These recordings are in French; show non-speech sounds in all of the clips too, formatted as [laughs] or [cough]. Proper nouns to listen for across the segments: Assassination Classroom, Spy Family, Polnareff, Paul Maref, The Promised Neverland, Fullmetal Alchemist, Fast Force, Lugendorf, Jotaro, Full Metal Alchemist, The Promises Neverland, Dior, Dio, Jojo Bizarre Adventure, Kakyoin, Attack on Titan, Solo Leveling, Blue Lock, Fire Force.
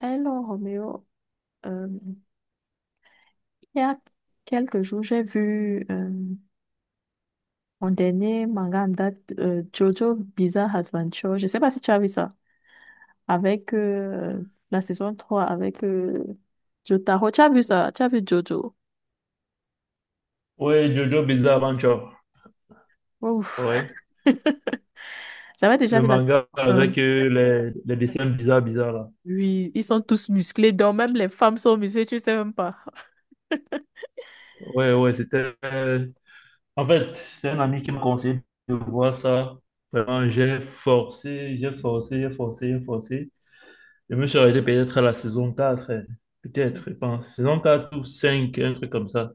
Alors, Roméo, euh, il y a quelques jours, j'ai vu mon dernier manga en date, Jojo Bizarre Adventure. Je sais pas si tu as vu ça, avec la saison 3 avec Jotaro. Tu as vu ça? Tu as vu Jojo? Oui, Jojo Bizarre Adventure. Ouf. Ouais. [laughs] J'avais déjà Le vu la saison manga 1. avec les dessins bizarres, bizarres là. Oui, ils sont tous musclés, donc même les femmes sont musclées, tu sais même pas. [laughs] Ouais, ouais, c'était. En fait, c'est un ami qui m'a conseillé de voir ça. Vraiment, j'ai forcé. Je me suis arrêté peut-être à la saison 4 peut-être, je pense. Saison 4 ou cinq, un truc comme ça.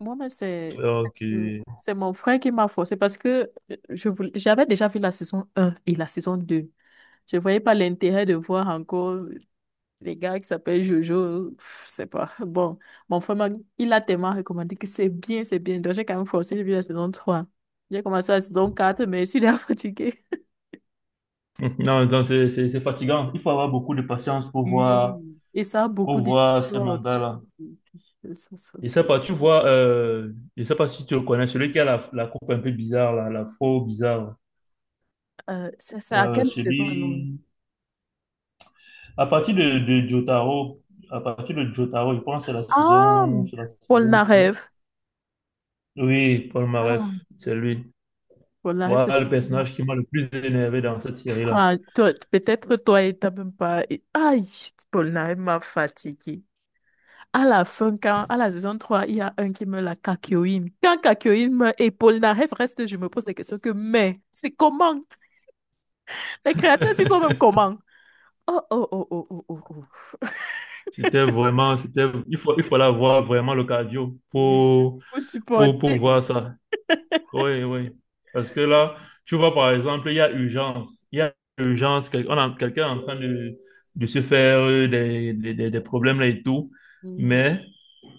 Moi, mais c'est. Ok. Mm. C'est mon frère qui m'a forcé parce que j'avais déjà vu la saison un et la saison deux. Je voyais pas l'intérêt de voir encore. Les gars qui s'appellent Jojo, pff, je sais pas. Bon, mon frère, il a tellement recommandé que c'est bien, c'est bien. Donc, j'ai quand même forcé, j'ai vu la saison 3. J'ai commencé la saison quatre mais je suis déjà [laughs] fatiguée. [laughs] Non, c'est fatigant. Il faut avoir beaucoup de patience Oui. Et ça a pour beaucoup voir ces d'épisodes. mangas-là. Ça, ça, ça, Je sais faut- pas, tu vois, je sais pas si tu le connais, celui qui a la, la coupe un peu bizarre, la faux bizarre. Ça à Euh, quelle saison alors? celui, à partir de Jotaro, je pense que Ah, c'est la Paul saison. Non. Narev. Oui, Paul Ah, Maref, c'est lui. Paul Narev, c'est Voilà le celui qui m'a- personnage qui m'a le plus énervé dans cette série-là. Franck, toi, peut-être toi et t'as même pas. Aïe, Paul Narev m'a fatiguée. À la fin, quand, à la saison 3, il y a un qui meurt, la Kakyoin. Quand Kakyoin meurt et Polnareff reste, je me pose la question que, mais, c'est comment? Les créateurs, ils sont même [laughs] comment? Oh, oh, oh, oh, oh, oh, oh. Il faut, il fallait avoir vraiment le cardio Il faut pour voir supporter. ça. Oui, oui. Parce que là, tu vois, par exemple, il y a urgence. Il y a urgence. On a quelqu'un est en train de se faire des, des problèmes là et tout. Mhm, Mais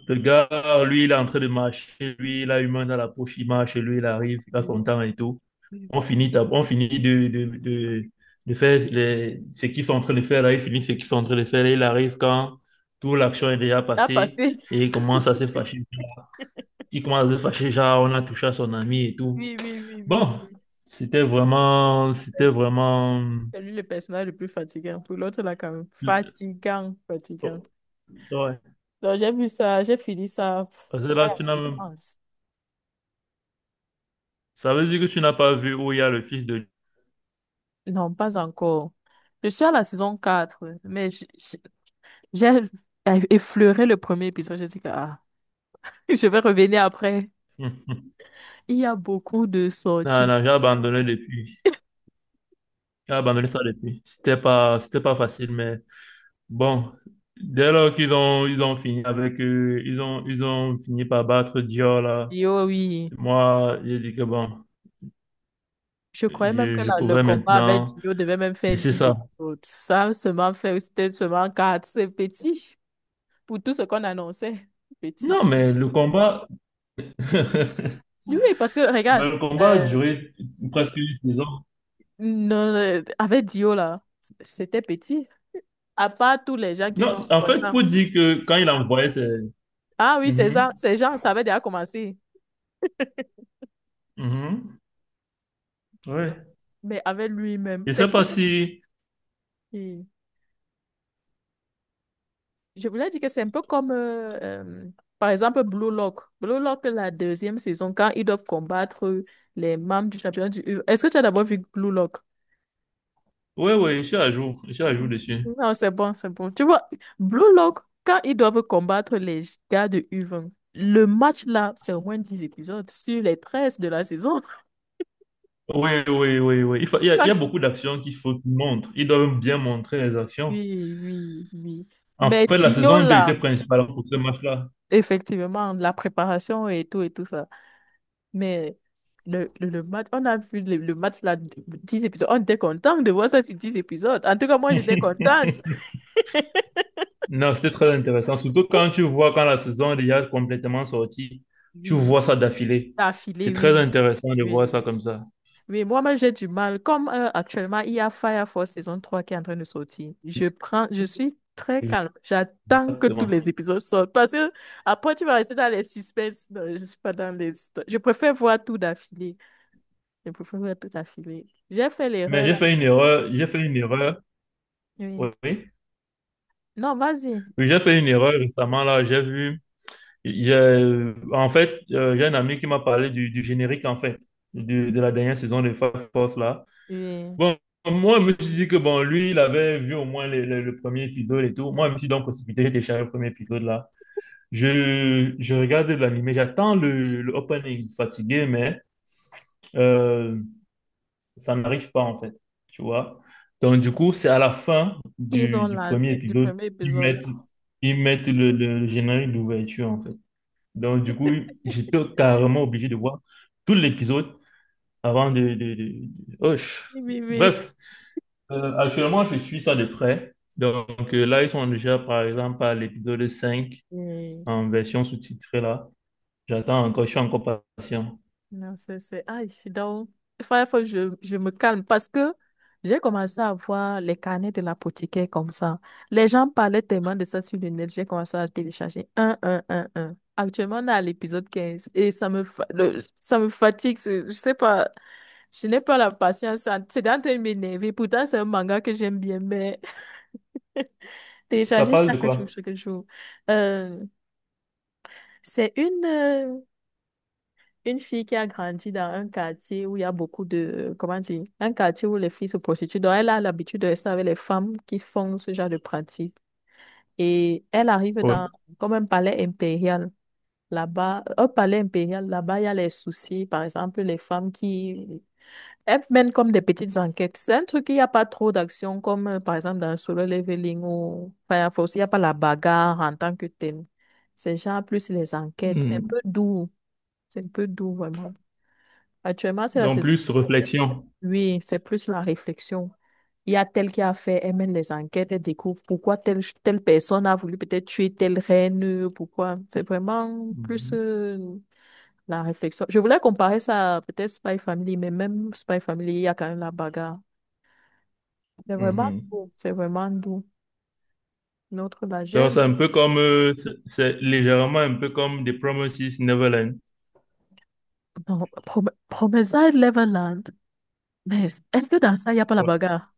le gars, lui, il est en train de marcher. Lui, il a une main dans la poche. Il marche. Lui, il arrive dans son mhm. temps et tout. On finit de faire les, ce qu'ils sont en train de faire là. Il finit ce qu'ils sont en train de faire là. Il arrive quand toute l'action est déjà Ah, passée passé. et il commence à se fâcher. Il commence à se fâcher. Genre, on a touché à son ami et tout. Oui, oui, oui, oui, Bon, oui. C'était vraiment. C'est lui le personnage le plus fatigant. Pour l'autre, là, quand même. Fatigant, fatigant. Ouais, Donc, j'ai vu ça, j'ai fini ça pff, parce que dans là, la tu n'as même- souffrance. ça veut dire que tu n'as pas vu où il y a le fils de. Non, pas encore. Je suis à la saison 4, mais j'ai effleuré le premier épisode, j'ai dit que ah, [laughs] je vais revenir après. [laughs] Il y a beaucoup de Non, sorties. non, j'ai abandonné depuis. J'ai abandonné ça depuis. C'était pas facile, mais bon, dès lors qu'ils ont fini avec, ils ont fini par battre Dior là. Dio, oui. Moi, j'ai dit que bon, Je croyais même que je le pouvais combat avec maintenant Dio devait même faire laisser 10 ça. épisodes. Ça a seulement fait, c'était seulement quatre. C'est petit pour tout ce qu'on annonçait. Non, Petit. mais le combat, [laughs] Oui, oui, parce que regarde, ben, le combat a euh, duré presque une saison. non, avec Dio là, c'était petit. À part tous les gens qu'ils ont Non, en fait, pour rencontrés. dire que quand il envoyait, c'est... Ah oui, c'est Mhm, ça. Ces gens, ça avait déjà commencé. mhm, Non. ouais. Mais avec lui-même, Je c'est sais pas si... comme. Je voulais dire que c'est un peu comme, euh, par exemple, Blue Lock. Blue Lock, la deuxième saison, quand ils doivent combattre les membres du championnat du U. E, est-ce que tu as d'abord vu Blue Lock? Oui, oui, je suis à jour. Je suis à jour dessus. Non, c'est bon, c'est bon. Tu vois, Blue Lock, quand ils doivent combattre les gars de U20, le match là, c'est au moins 10 épisodes sur les 13 de la saison. Oui, oui, oui, oui. Il y a [laughs] beaucoup d'actions qu'il faut qu'ils montrent. Ils doivent bien montrer les actions. Oui, oui, oui. En Mais fait, la Dio saison deux là, était principalement pour ce match-là. effectivement, la préparation et tout ça. Mais le match, on a vu le match là, 10 épisodes. On était content de voir ça sur 10 épisodes. En tout cas, moi, j'étais contente. [laughs] Non, c'était très intéressant. Surtout quand tu vois quand la saison est déjà complètement sortie, tu Oui, vois ça d'affilée. C'est d'affilée, très oui. intéressant de voir Oui, ça oui. comme ça. Oui, moi-même, j'ai du mal. Comme actuellement, il y a Fire Force saison 3 qui est en train de sortir. Je prends, je suis très calme. J'attends que tous Exactement. les épisodes sortent. Parce que après, tu vas rester dans les suspens. Non, je suis pas dans les histoires. Je préfère voir tout d'affilée. Je préfère voir tout d'affilée. J'ai fait Mais l'erreur j'ai là. fait une erreur. J'ai fait une erreur. Oui. Oui. Non, vas-y. Oui, j'ai fait une erreur récemment là. En fait, j'ai un ami qui m'a parlé du générique en fait de la dernière saison de Fast Force là. Oui. Bon, moi je me suis dit que bon, lui il avait vu au moins le premier épisode et tout. Moi je me suis donc précipité, j'ai téléchargé le premier épisode là. Je regarde l'animé, j'attends le opening fatigué, mais euh, ça n'arrive pas en fait, tu vois. Donc du coup, c'est à la fin Qu'ils ont du premier lancé du épisode premier qu'ils épisode. mettent, ils mettent le générique d'ouverture en fait. Donc du coup, j'étais carrément obligé de voir tout l'épisode avant de... Oh, Oui, oui, oui. bref. Actuellement, je suis ça de près. Donc là, ils sont déjà par exemple à l'épisode 5 Oui. en version sous-titrée là. J'attends encore, je suis encore patient. Non, c'est... Ah, je suis donc. Il faut que je me calme parce que j'ai commencé à voir les carnets de l'apothicaire comme ça. Les gens parlaient tellement de ça sur le net, j'ai commencé à télécharger un. Actuellement, on est à l'épisode 15 et ça me fatigue. Je sais pas, je n'ai pas la patience. C'est en train de m'énerver. Pourtant, c'est un manga que j'aime bien, mais [laughs] Ça télécharger parle de chaque jour, quoi? chaque jour. Euh, C'est une fille qui a grandi dans un quartier où il y a beaucoup de, comment dire, un quartier où les filles se prostituent. Donc, elle a l'habitude de rester avec les femmes qui font ce genre de pratique. Et elle arrive dans, Oui. comme un palais impérial. Là-bas, au palais impérial, là-bas, il y a les soucis. Par exemple, les femmes qui, elles mènent comme des petites enquêtes. C'est un truc, il n'y a pas trop d'action, comme, par exemple, dans Solo Leveling ou Fire Force, il n'y a pas la bagarre en tant que thème. C'est genre plus les enquêtes. C'est un Hmm. peu doux. C'est un peu doux, vraiment. Actuellement, c'est la Donc saison. plus réflexion. Oui, c'est plus la réflexion. Il y a tel qui a fait, elle mène les enquêtes, elle découvre pourquoi telle, telle personne a voulu peut-être tuer telle reine, pourquoi. C'est vraiment plus la réflexion. Je voulais comparer ça à peut-être Spy Family, mais même Spy Family, il y a quand même la bagarre. C'est vraiment Mhm. doux. C'est vraiment doux. Notre, là, Donc, j'aime. c'est un peu comme, c'est légèrement un peu comme The Promises Neverland. Non, Promessa et Neverland. Mais est-ce que dans ça, il n'y a pas la Ouais. bagarre?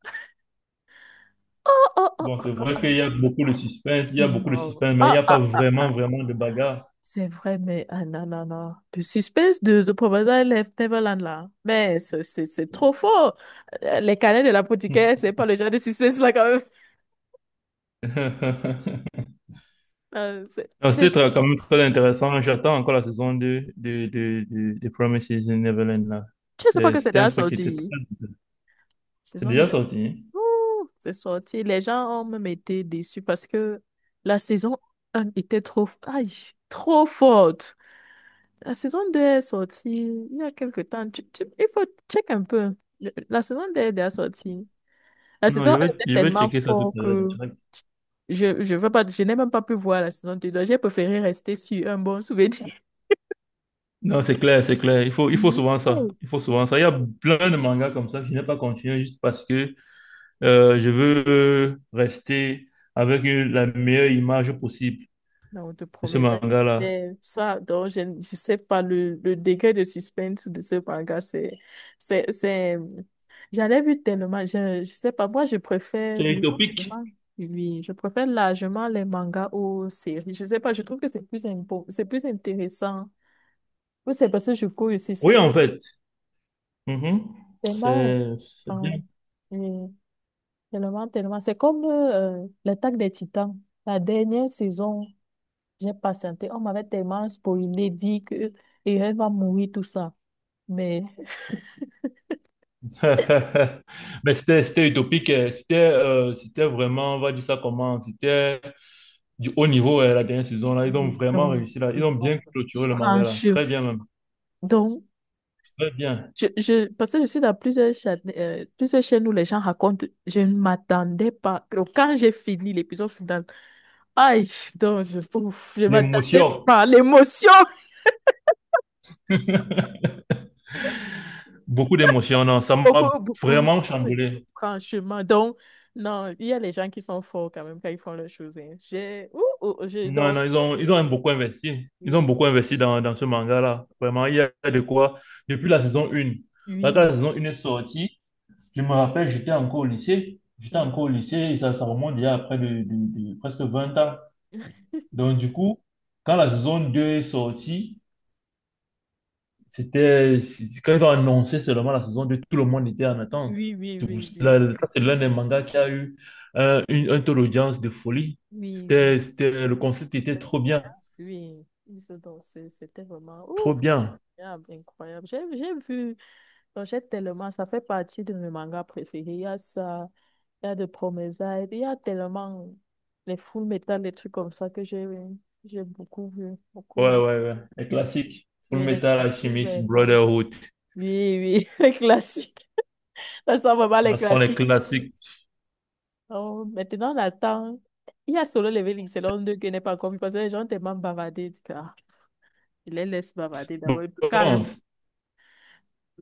Oh, oh, oh, Bon, c'est oh. vrai qu'il y a beaucoup de suspense, il y a beaucoup de Non. suspense, mais il n'y Ah, a pas ah, ah, vraiment, ah. vraiment de bagarre. C'est vrai, mais ah non, non, non. Le suspense de The Proposal of Neverland, là. Mais c'est trop fort. Les canets de l'apothicaire, c'est pas le genre de suspense, là, quand même. [laughs] [laughs] Euh, c'est, Non, c'était c'est- quand même très intéressant. J'attends encore la saison 2 de, de Promises Neverland, là. je sais pas que c'est C'était un déjà truc qui était très... sorti. C'est Saison déjà 2 sorti, hein? c'est sorti. Les gens ont même été déçus parce que la saison 1 était trop, aïe, trop forte. La saison 2 est sortie il y a quelque temps. Il faut check un peu. La saison 2 est déjà sortie. La Non, saison 1 était je vais tellement checker ça tout à fort l'heure. que je veux pas, je n'ai même pas pu voir la saison deux. Donc, j'ai préféré rester sur un bon souvenir. Non, c'est clair, c'est clair. Il faut [laughs] souvent ça. Yes. Il faut souvent ça. Il y a plein de mangas comme ça que je n'ai pas continué juste parce que je veux rester avec la meilleure image possible Non, de de ce promesse. manga-là. Ça, donc, je sais pas, le degré de suspense de ce manga, c'est, c'est, j'en ai vu tellement, je sais pas, moi, je préfère C'est utopique. largement, oui, je préfère largement les mangas aux séries. Je sais pas, je trouve que c'est plus intéressant. Ou c'est parce que je cours ici, je sais Oui, pas. en fait. Mhm. Des balles. C'est c'est Sans. bien. Oui, tellement, tellement. C'est comme l'attaque des Titans. La dernière saison, j'ai patienté. On m'avait tellement spoilé, dit que et elle va mourir, tout ça. Mais, [laughs] Mais c'était, c'était utopique. C'était vraiment, on va dire ça comment, c'était du haut niveau, la dernière saison, là. Ils ont vraiment donc, réussi, là. Ils ont bien clôturé le manga, là. franchement, Très bien, même. donc, Très bien. Parce que je suis dans plusieurs chaînes où les gens racontent, je ne m'attendais pas. Donc, quand j'ai fini l'épisode final, aïe, donc, ouf, je m'attendais L'émotion. pas à l'émotion. Beaucoup d'émotions, non, ça m'a Beaucoup, beaucoup, vraiment oui, chamboulé. franchement. Donc, non, il y a les gens qui sont forts quand même quand ils font leurs choses, hein. Ouh, ouh, j'ai Non, donc, non, ils ont beaucoup investi. Ils ont oui, beaucoup investi dans, dans ce manga-là. Vraiment, il y a de quoi. Depuis la saison 1. Quand oui, la saison 1 est sortie, je me rappelle, j'étais encore au lycée. J'étais mhm. encore au lycée et ça remonte déjà à près de, de presque 20 ans. [laughs] Donc, du coup, quand la saison 2 est sortie, quand ils ont annoncé seulement la saison deux, tout le monde était en attente. Oui, oui, oui, oui, Ça, c'est l'un des mangas qui a eu un taux d'audience de folie. oui, oui, Le concept était c'est trop bien, incroyable. Oui, ils se dansaient, c'était vraiment, trop ouf, bien. incroyable, incroyable. J'ai vu, donc j'ai tellement, ça fait partie de mes mangas préférés. Il y a ça, il y a de Promesailles, il y a tellement les full metal, les trucs comme ça que j'ai beaucoup vu, Ouais, beaucoup vu. ouais, ouais. Les classiques. Full Oui, les Metal classiques, Alchemist, vraiment. Brotherhood. Oui, oui, [laughs] les classiques. Ça sent vraiment les Ce sont les classiques. classiques. Oh, maintenant, on attend. Il y a Solo Leveling, c'est l'un deux qui n'est pas encore vu parce que les gens tellement bavardés. Du coup, ah, je les laisse bavarder Bon, d'abord. Calme.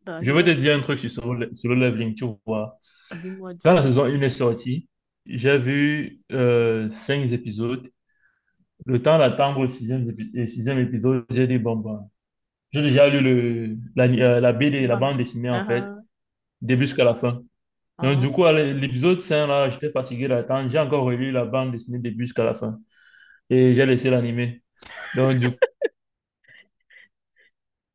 Attends, je je vais vais. te dire un truc sur Solo Leveling, tu vois. Dis-moi, Quand la dis-moi. saison 1 est sortie, j'ai vu 5 épisodes. Le temps d'attendre le sixième, le sixième épisode, j'ai dit, bon, ben, j'ai déjà lu la Tu BD, la manques. bande dessinée, en Ah, fait, ah, début jusqu'à la fin. Donc, ah. du coup, à l'épisode 5 là, j'étais fatigué d'attendre. J'ai encore relu la bande dessinée début jusqu'à la fin. Et j'ai laissé l'animé. Donc, du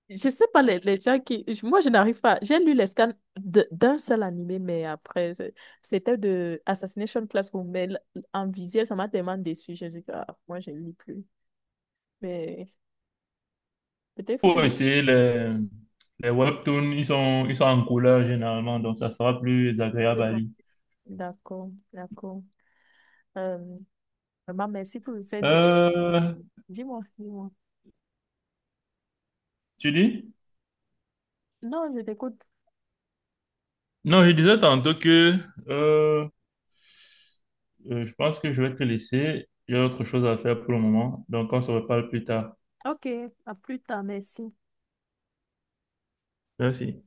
Je sais pas, les gens qui. Moi, je n'arrive pas. J'ai lu les scans d'un seul animé, mais après, c'était de Assassination Classroom. Mais en visuel, ça m'a tellement déçu. Je dis, ah, moi, je ne lis plus. Mais. Peut-être faut coup, que. essayer les webtoons, ils sont en couleur généralement, donc ça sera plus Deux agréable à fois. lire. D'accord, d'accord. Euh, vraiment, merci pour cette discussion. Euh, Dis-moi, dis-moi. Tu dis? Non, je t'écoute. Non, je disais tantôt que euh, je pense que je vais te laisser. J'ai autre chose à faire pour le moment, donc on se reparle plus tard. Ok, à plus tard, merci. Merci.